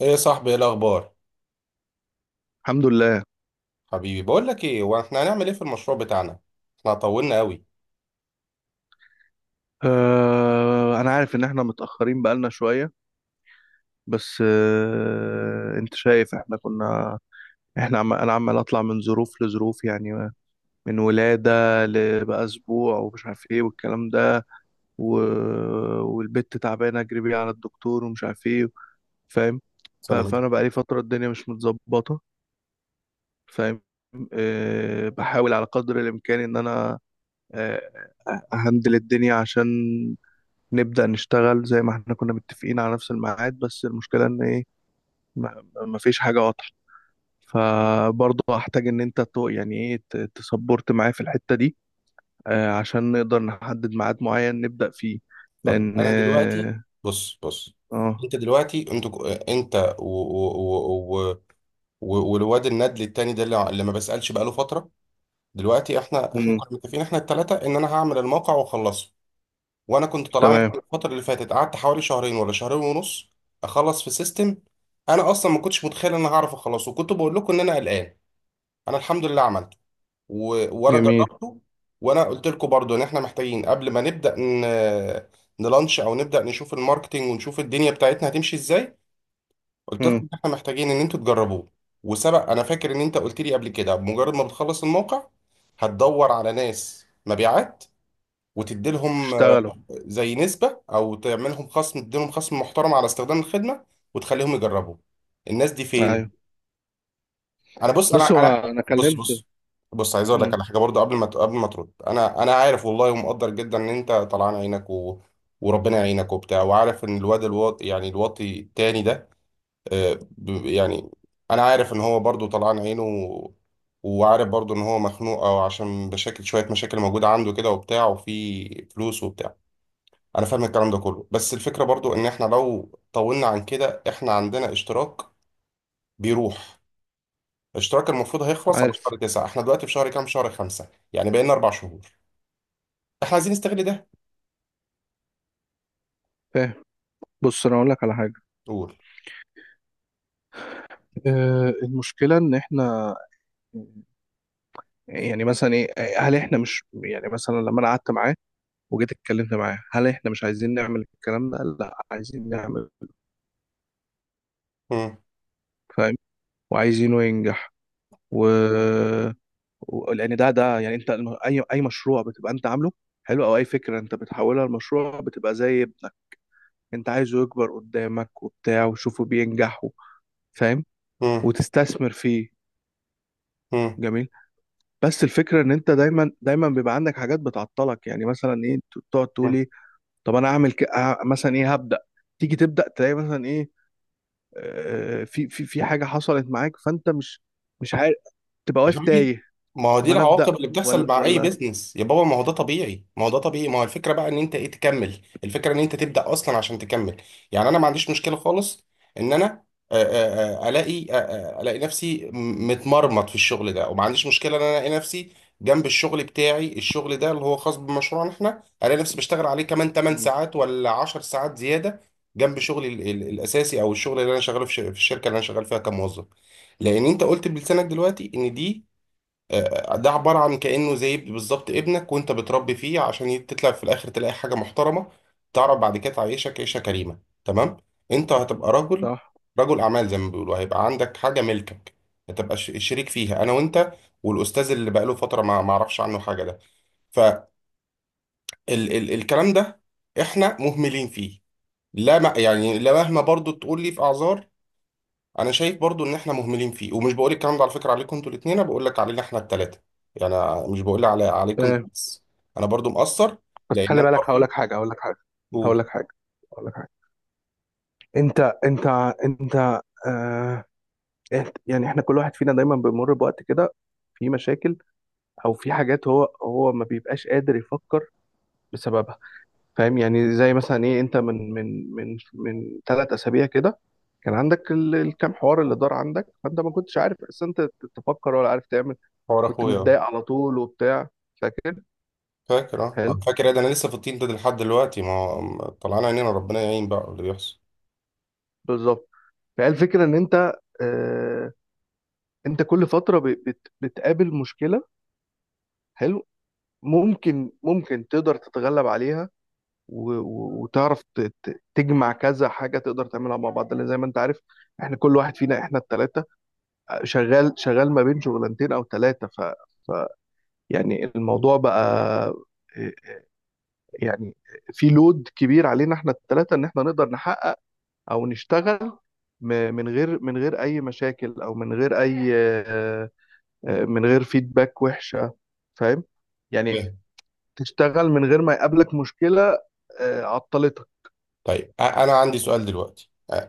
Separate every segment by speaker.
Speaker 1: ايه يا صاحبي، ايه الاخبار؟
Speaker 2: الحمد لله.
Speaker 1: حبيبي، بقول لك ايه، هو احنا هنعمل ايه في المشروع بتاعنا؟ احنا طولنا قوي.
Speaker 2: انا عارف ان احنا متأخرين بقالنا شوية. بس انت شايف احنا كنا. انا عمال اطلع من ظروف لظروف، يعني من ولادة، لبقى اسبوع ومش عارف ايه والكلام ده. و... والبت تعبانة اجري بيها على الدكتور ومش عارف ايه. فاهم؟
Speaker 1: سنة متى؟
Speaker 2: فانا بقالي فترة الدنيا مش متظبطة. فاهم؟ آه، بحاول على قدر الامكان ان انا آه، اهندل الدنيا عشان نبدأ نشتغل زي ما احنا كنا متفقين، على نفس الميعاد. بس المشكلة ان ايه؟ ما فيش حاجة واضحة. فبرضه هحتاج ان انت يعني ايه، تسبورت معايا في الحتة دي، عشان نقدر نحدد ميعاد معين نبدأ فيه.
Speaker 1: طب
Speaker 2: لان
Speaker 1: انا دلوقتي، بص بص.
Speaker 2: آه،
Speaker 1: انت دلوقتي انت انت و... و... و... و... والواد الندل التاني ده، اللي ما بسألش بقاله فترة. دلوقتي احنا
Speaker 2: مم،
Speaker 1: كنا متفقين، احنا التلاتة، ان انا هعمل الموقع واخلصه. وانا كنت طلعان
Speaker 2: تمام،
Speaker 1: الفترة اللي فاتت، قعدت حوالي شهرين ولا شهرين ونص اخلص في سيستم. انا اصلا ما كنتش متخيل ان انا هعرف اخلصه، وكنت بقول لكم ان انا قلقان. انا الحمد لله عملته، وانا
Speaker 2: جميل،
Speaker 1: جربته. وانا قلت لكم برضو ان احنا محتاجين قبل ما نبدا نلانش او نبدا نشوف الماركتينج، ونشوف الدنيا بتاعتنا هتمشي ازاي. قلت لكم
Speaker 2: مم،
Speaker 1: ان احنا محتاجين ان انتوا تجربوه. وسبق انا فاكر ان انت قلت لي قبل كده، بمجرد ما بتخلص الموقع هتدور على ناس مبيعات وتديلهم،
Speaker 2: اشتغلوا،
Speaker 1: زي نسبة او تعملهم خصم، تديلهم خصم محترم على استخدام الخدمة وتخليهم يجربوا. الناس دي
Speaker 2: ايوه.
Speaker 1: فين؟ انا بص
Speaker 2: بص،
Speaker 1: انا
Speaker 2: هو
Speaker 1: انا
Speaker 2: انا
Speaker 1: بص
Speaker 2: كلمت.
Speaker 1: بص بص، عايز اقول لك
Speaker 2: مم،
Speaker 1: على حاجه برضو قبل ما ترد. انا عارف والله، ومقدر جدا ان انت طلعان عينك وربنا يعينك وبتاع، وعارف ان الواد الواطي، يعني الواطي التاني ده، يعني انا عارف ان هو برضو طلعان عينه، وعارف برضو ان هو مخنوق، او عشان مشاكل، شويه مشاكل موجوده عنده كده وبتاع، وفي فلوس وبتاع. انا فاهم الكلام ده كله، بس الفكره برضو ان احنا لو طولنا عن كده، احنا عندنا اشتراك بيروح. الاشتراك المفروض هيخلص على
Speaker 2: عارف،
Speaker 1: شهر 9، احنا دلوقتي في شهر كام؟ شهر 5. يعني بقينا 4 شهور. احنا عايزين نستغل ده.
Speaker 2: فاهم. بص انا اقول لك على حاجة.
Speaker 1: قول.
Speaker 2: المشكلة ان احنا، يعني مثلا ايه، هل احنا مش، يعني مثلا لما انا قعدت معاه وجيت اتكلمت معاه، هل احنا مش عايزين نعمل الكلام ده؟ قال لا، عايزين نعمل.
Speaker 1: مم.
Speaker 2: فاهم؟ وعايزينه ينجح و... لان ده يعني انت اي مشروع بتبقى انت عامله حلو، او اي فكره انت بتحولها لمشروع بتبقى زي ابنك، انت عايزه يكبر قدامك وبتاع وتشوفه بينجح فاهم، وتستثمر فيه.
Speaker 1: مم.
Speaker 2: جميل. بس الفكره ان انت، دايما دايما بيبقى عندك حاجات بتعطلك، يعني مثلا ايه، تقعد تقول
Speaker 1: مم.
Speaker 2: ايه؟ طب انا اعمل مثلا ايه، هبدا، تيجي تبدا تلاقي مثلا ايه، في حاجه حصلت معاك، فانت مش عارف، تبقى
Speaker 1: يا
Speaker 2: واقف
Speaker 1: حبيبي،
Speaker 2: تايه.
Speaker 1: ما هو
Speaker 2: طب
Speaker 1: دي
Speaker 2: انا ابدا
Speaker 1: العواقب اللي بتحصل
Speaker 2: ولا
Speaker 1: مع اي
Speaker 2: ولا
Speaker 1: بيزنس يا بابا. ما هو ده طبيعي، ما هو ده طبيعي. ما هو الفكره بقى ان انت ايه، تكمل الفكره، ان انت تبدا اصلا عشان تكمل. يعني انا ما عنديش مشكله خالص ان انا الاقي نفسي متمرمط في الشغل ده. وما عنديش مشكله ان انا الاقي نفسي جنب الشغل بتاعي، الشغل ده اللي هو خاص بمشروعنا احنا، الاقي نفسي بشتغل عليه كمان 8
Speaker 2: مم.
Speaker 1: ساعات ولا 10 ساعات زياده، جنب شغلي الاساسي، او الشغل اللي انا شغاله في الشركه اللي انا شغال فيها كموظف. لان انت قلت بلسانك دلوقتي ان دي، ده عبارة عن كأنه زي بالظبط ابنك وانت بتربي فيه، عشان تطلع في الآخر تلاقي حاجة محترمة تعرف بعد كده تعيشك عيشة كريمة. تمام. انت هتبقى رجل،
Speaker 2: صح.
Speaker 1: رجل أعمال زي ما بيقولوا، هيبقى عندك حاجة ملكك، هتبقى شريك فيها، أنا وانت والأستاذ اللي بقاله فترة ما أعرفش عنه حاجة ده. فالكلام ده احنا مهملين فيه. لا، ما يعني لا، مهما برضو تقول لي في أعذار، انا شايف برضو ان احنا مهملين فيه. ومش بقول الكلام ده على فكره عليكم انتوا الاثنين، انا بقول لك علينا احنا الثلاثه. يعني أنا مش بقول على عليكم
Speaker 2: فاهم؟
Speaker 1: انتوا بس، انا برضو مقصر،
Speaker 2: بس
Speaker 1: لان
Speaker 2: خلي
Speaker 1: انا
Speaker 2: بالك، هقول
Speaker 1: برضو
Speaker 2: لك حاجه، هقول لك حاجه، هقول
Speaker 1: بقول.
Speaker 2: لك حاجه، هقول لك حاجه. انت، انت، انت، آه يعني احنا كل واحد فينا دايما بيمر بوقت كده، في مشاكل او في حاجات هو ما بيبقاش قادر يفكر بسببها. فاهم؟ يعني زي مثلا ايه، انت من 3 اسابيع كده كان عندك الكام حوار اللي دار عندك، فانت ما كنتش عارف اصلا انت تفكر ولا عارف تعمل،
Speaker 1: حوار
Speaker 2: كنت
Speaker 1: اخويا أهو.
Speaker 2: متضايق على طول وبتاع. فاكر؟
Speaker 1: فاكر؟ اه
Speaker 2: حلو.
Speaker 1: أنا فاكر. إيه ده، انا لسه في الطين ده لحد دلوقتي طلعنا عينينا، ربنا يعين بقى اللي بيحصل.
Speaker 2: بالظبط. فهي الفكره ان انت، آه انت كل فتره ب- بت بتقابل مشكله. حلو. ممكن تقدر تتغلب عليها وتعرف تجمع كذا حاجه تقدر تعملها مع بعض، لان زي ما انت عارف، احنا كل واحد فينا، احنا الثلاثه شغال شغال ما بين شغلانتين او ثلاثه. ف- يعني الموضوع بقى، آه، يعني في لود كبير علينا احنا الثلاثه ان احنا نقدر نحقق او نشتغل، من غير اي مشاكل، او من غير اي، من غير فيدباك وحشه. فاهم؟ يعني
Speaker 1: فاهم.
Speaker 2: تشتغل من غير ما يقابلك مشكله عطلتك.
Speaker 1: طيب، انا عندي سؤال دلوقتي.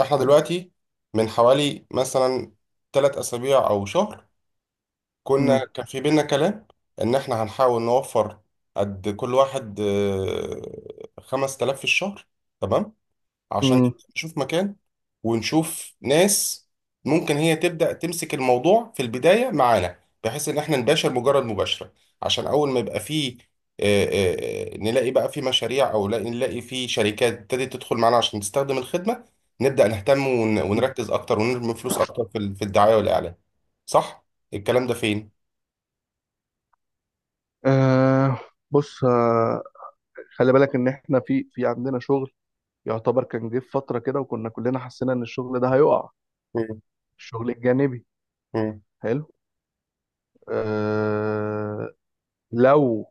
Speaker 1: احنا دلوقتي من حوالي مثلا 3 اسابيع او شهر كنا،
Speaker 2: مم.
Speaker 1: كان في بينا كلام ان احنا هنحاول نوفر قد كل واحد 5,000 في الشهر. تمام، عشان
Speaker 2: مم.
Speaker 1: نشوف مكان ونشوف ناس ممكن هي تبدأ تمسك الموضوع في البداية معانا، بحيث ان احنا نباشر مجرد مباشرة عشان اول ما يبقى فيه نلاقي بقى في مشاريع، او لا- نلاقي في شركات ابتدت تدخل معانا عشان تستخدم الخدمة، نبدأ نهتم ونركز اكتر ونرمي فلوس اكتر في الدعاية والاعلان. صح؟ الكلام ده فين؟
Speaker 2: آه بص، خلي بالك ان احنا، في عندنا شغل يعتبر كان جه في فتره كده، وكنا كلنا حسينا ان الشغل ده هيقع،
Speaker 1: مم.
Speaker 2: الشغل الجانبي.
Speaker 1: مم.
Speaker 2: حلو. آه لو،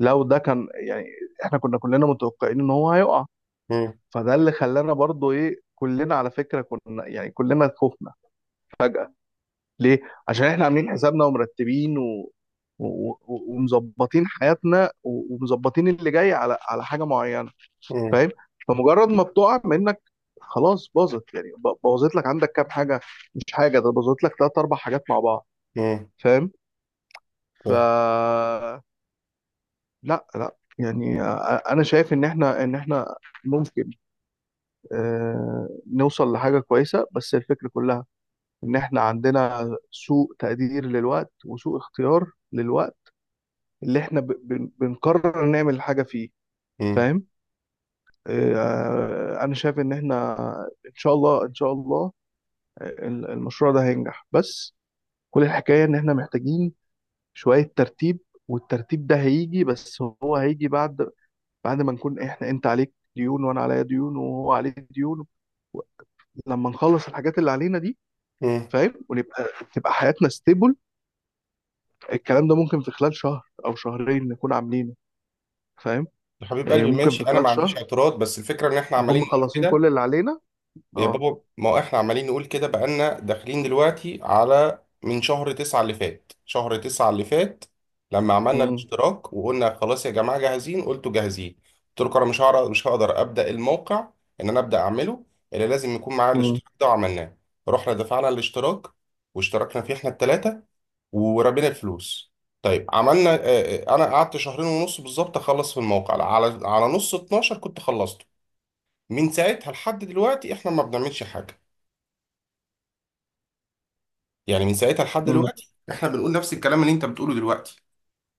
Speaker 2: لو ده كان يعني، احنا كنا كلنا متوقعين ان هو هيقع،
Speaker 1: مم.
Speaker 2: فده اللي خلانا برضو ايه، كلنا على فكرة كنا يعني كلنا خفنا فجأة. ليه؟ عشان احنا عاملين حسابنا ومرتبين ومظبطين حياتنا ومظبطين اللي جاي على، على حاجة معينة.
Speaker 1: مم.
Speaker 2: فاهم؟ فمجرد ما بتقع منك خلاص باظت، يعني بوظت لك عندك كام حاجة، مش حاجة، ده بوظت لك 3 4 حاجات مع بعض.
Speaker 1: مم.
Speaker 2: فاهم؟ ف
Speaker 1: طيب.
Speaker 2: لا لا، يعني انا شايف ان احنا ممكن نوصل لحاجة كويسة. بس الفكرة كلها إن إحنا عندنا سوء تقدير للوقت وسوء اختيار للوقت اللي إحنا بنقرر نعمل حاجة فيه.
Speaker 1: مم.
Speaker 2: فاهم؟ أنا شايف إن إحنا، إن شاء الله إن شاء الله، المشروع ده هينجح. بس كل الحكاية إن إحنا محتاجين شوية ترتيب، والترتيب ده هيجي، بس هو هيجي بعد، بعد ما نكون إحنا، أنت عليك ديون وأنا عليا ديون وهو عليه ديون، لما نخلص الحاجات اللي علينا دي.
Speaker 1: مم.
Speaker 2: فاهم؟ ونبقى، تبقى حياتنا ستيبل. الكلام ده ممكن في خلال شهر او شهرين نكون عاملينه. فاهم؟
Speaker 1: يا حبيب
Speaker 2: يعني
Speaker 1: قلبي،
Speaker 2: ممكن
Speaker 1: ماشي،
Speaker 2: في
Speaker 1: انا ما
Speaker 2: خلال
Speaker 1: عنديش
Speaker 2: شهر
Speaker 1: اعتراض، بس الفكره ان احنا
Speaker 2: نكون
Speaker 1: عمالين نقول
Speaker 2: مخلصين
Speaker 1: كده.
Speaker 2: كل اللي علينا.
Speaker 1: يا
Speaker 2: اه.
Speaker 1: بابا، ما هو احنا عمالين نقول كده بقالنا داخلين دلوقتي على من شهر 9 اللي فات، شهر 9 اللي فات لما عملنا
Speaker 2: مم.
Speaker 1: الاشتراك وقلنا خلاص يا جماعه جاهزين، قلتوا جاهزين. قلت لكم انا مش هعرف، مش هقدر ابدا الموقع، ان انا ابدا اعمله الا لازم يكون معايا
Speaker 2: مم.
Speaker 1: الاشتراك ده، وعملناه. رحنا دفعنا الاشتراك واشتركنا فيه احنا الثلاثه، ورمينا الفلوس. طيب، عملنا، انا قعدت شهرين ونص بالظبط اخلص في الموقع. على نص 12 كنت خلصته. من ساعتها لحد دلوقتي احنا ما بنعملش حاجه. يعني من ساعتها لحد
Speaker 2: مم.
Speaker 1: دلوقتي احنا بنقول نفس الكلام اللي انت بتقوله دلوقتي.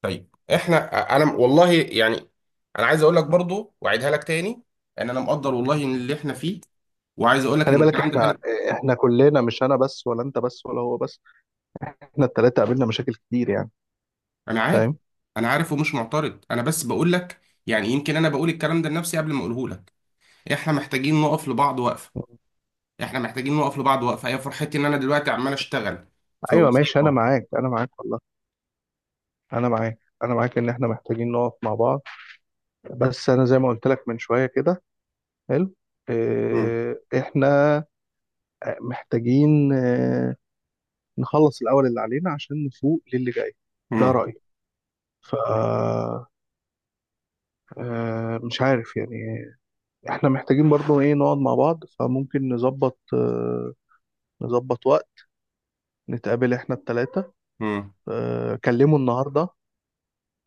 Speaker 1: طيب احنا، انا والله يعني، انا عايز اقول لك برضو واعيدها لك تاني ان انا مقدر والله ان اللي احنا فيه، وعايز اقول لك
Speaker 2: خلي
Speaker 1: ان
Speaker 2: بالك،
Speaker 1: الكلام ده
Speaker 2: احنا،
Speaker 1: انا،
Speaker 2: احنا كلنا، مش انا بس، ولا انت بس، ولا هو بس، احنا التلاتة قابلنا مشاكل كتير يعني.
Speaker 1: انا عارف،
Speaker 2: فاهم؟
Speaker 1: انا عارف ومش معترض، انا بس بقول لك. يعني يمكن انا بقول الكلام ده لنفسي قبل ما اقوله لك. احنا محتاجين نقف لبعض وقفه، احنا محتاجين نقف لبعض وقفه. هي فرحتي ان انا دلوقتي عمال اشتغل في
Speaker 2: ايوه ماشي، انا
Speaker 1: وظيفه.
Speaker 2: معاك انا معاك والله، انا معاك انا معاك، ان احنا محتاجين نقف مع بعض. بس انا زي ما قلت لك من شويه كده، حلو.
Speaker 1: مم.
Speaker 2: احنا محتاجين نخلص الأول اللي علينا عشان نفوق للي جاي. ده
Speaker 1: مم.
Speaker 2: رأيي. ف مش عارف يعني، احنا محتاجين برضو ايه نقعد مع بعض، فممكن نظبط نظبط وقت، نتقابل احنا التلاتة.
Speaker 1: مم.
Speaker 2: كلمه النهاردة،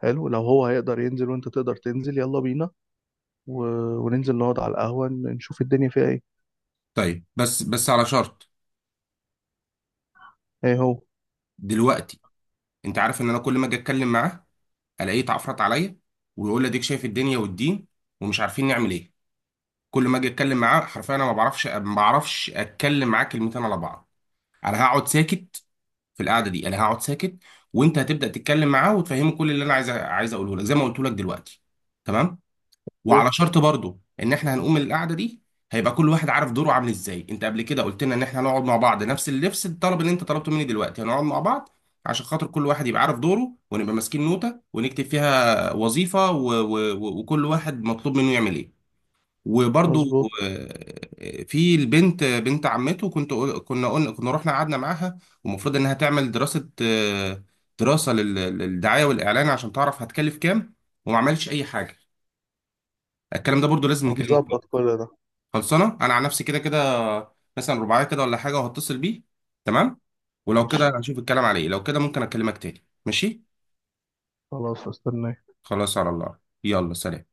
Speaker 2: حلو، لو هو هيقدر ينزل وانت تقدر تنزل يلا بينا، و... وننزل نقعد على القهوة نشوف الدنيا فيها ايه.
Speaker 1: طيب، بس بس على شرط.
Speaker 2: ايه هو؟
Speaker 1: دلوقتي انت عارف ان انا كل ما اجي اتكلم معاه الاقيه اتعفرت عليا، ويقول لي اديك شايف الدنيا والدين ومش عارفين نعمل ايه. كل ما اجي اتكلم معاه حرفيا انا ما بعرفش، ما بعرفش اتكلم معاه كلمتين على بعض. انا هقعد ساكت. في القعده دي انا هقعد ساكت، وانت هتبدا تتكلم معاه وتفهمه كل اللي انا عايز اقوله لك زي ما قلت لك دلوقتي. تمام.
Speaker 2: إيه؟
Speaker 1: وعلى شرط برضو ان احنا هنقوم القعده دي هيبقى كل واحد عارف دوره عامل ازاي. انت قبل كده قلت لنا ان احنا هنقعد مع بعض، نفس اللبس، الطلب اللي انت طلبته مني دلوقتي هنقعد مع بعض عشان خاطر كل واحد يبقى عارف دوره، ونبقى ماسكين نوتة ونكتب فيها وظيفة وكل واحد مطلوب منه يعمل ايه. وبرضو
Speaker 2: مظبوط،
Speaker 1: في البنت بنت عمته، كنت كنا قلنا، كنا رحنا قعدنا معاها ومفروض انها تعمل دراسة، دراسة للدعاية والإعلان عشان تعرف هتكلف كام وما عملتش أي حاجة. الكلام ده برضو لازم نكلمه فيه.
Speaker 2: هنظبط كل ده.
Speaker 1: خلصانه انا عن نفسي كده كده، مثلا رباعيه كده ولا حاجه، وهتصل بيه. تمام، ولو
Speaker 2: ماشي،
Speaker 1: كده هشوف الكلام عليه. لو كده ممكن اكلمك تاني. ماشي.
Speaker 2: خلاص استناك.
Speaker 1: خلاص على الله، يلا سلام.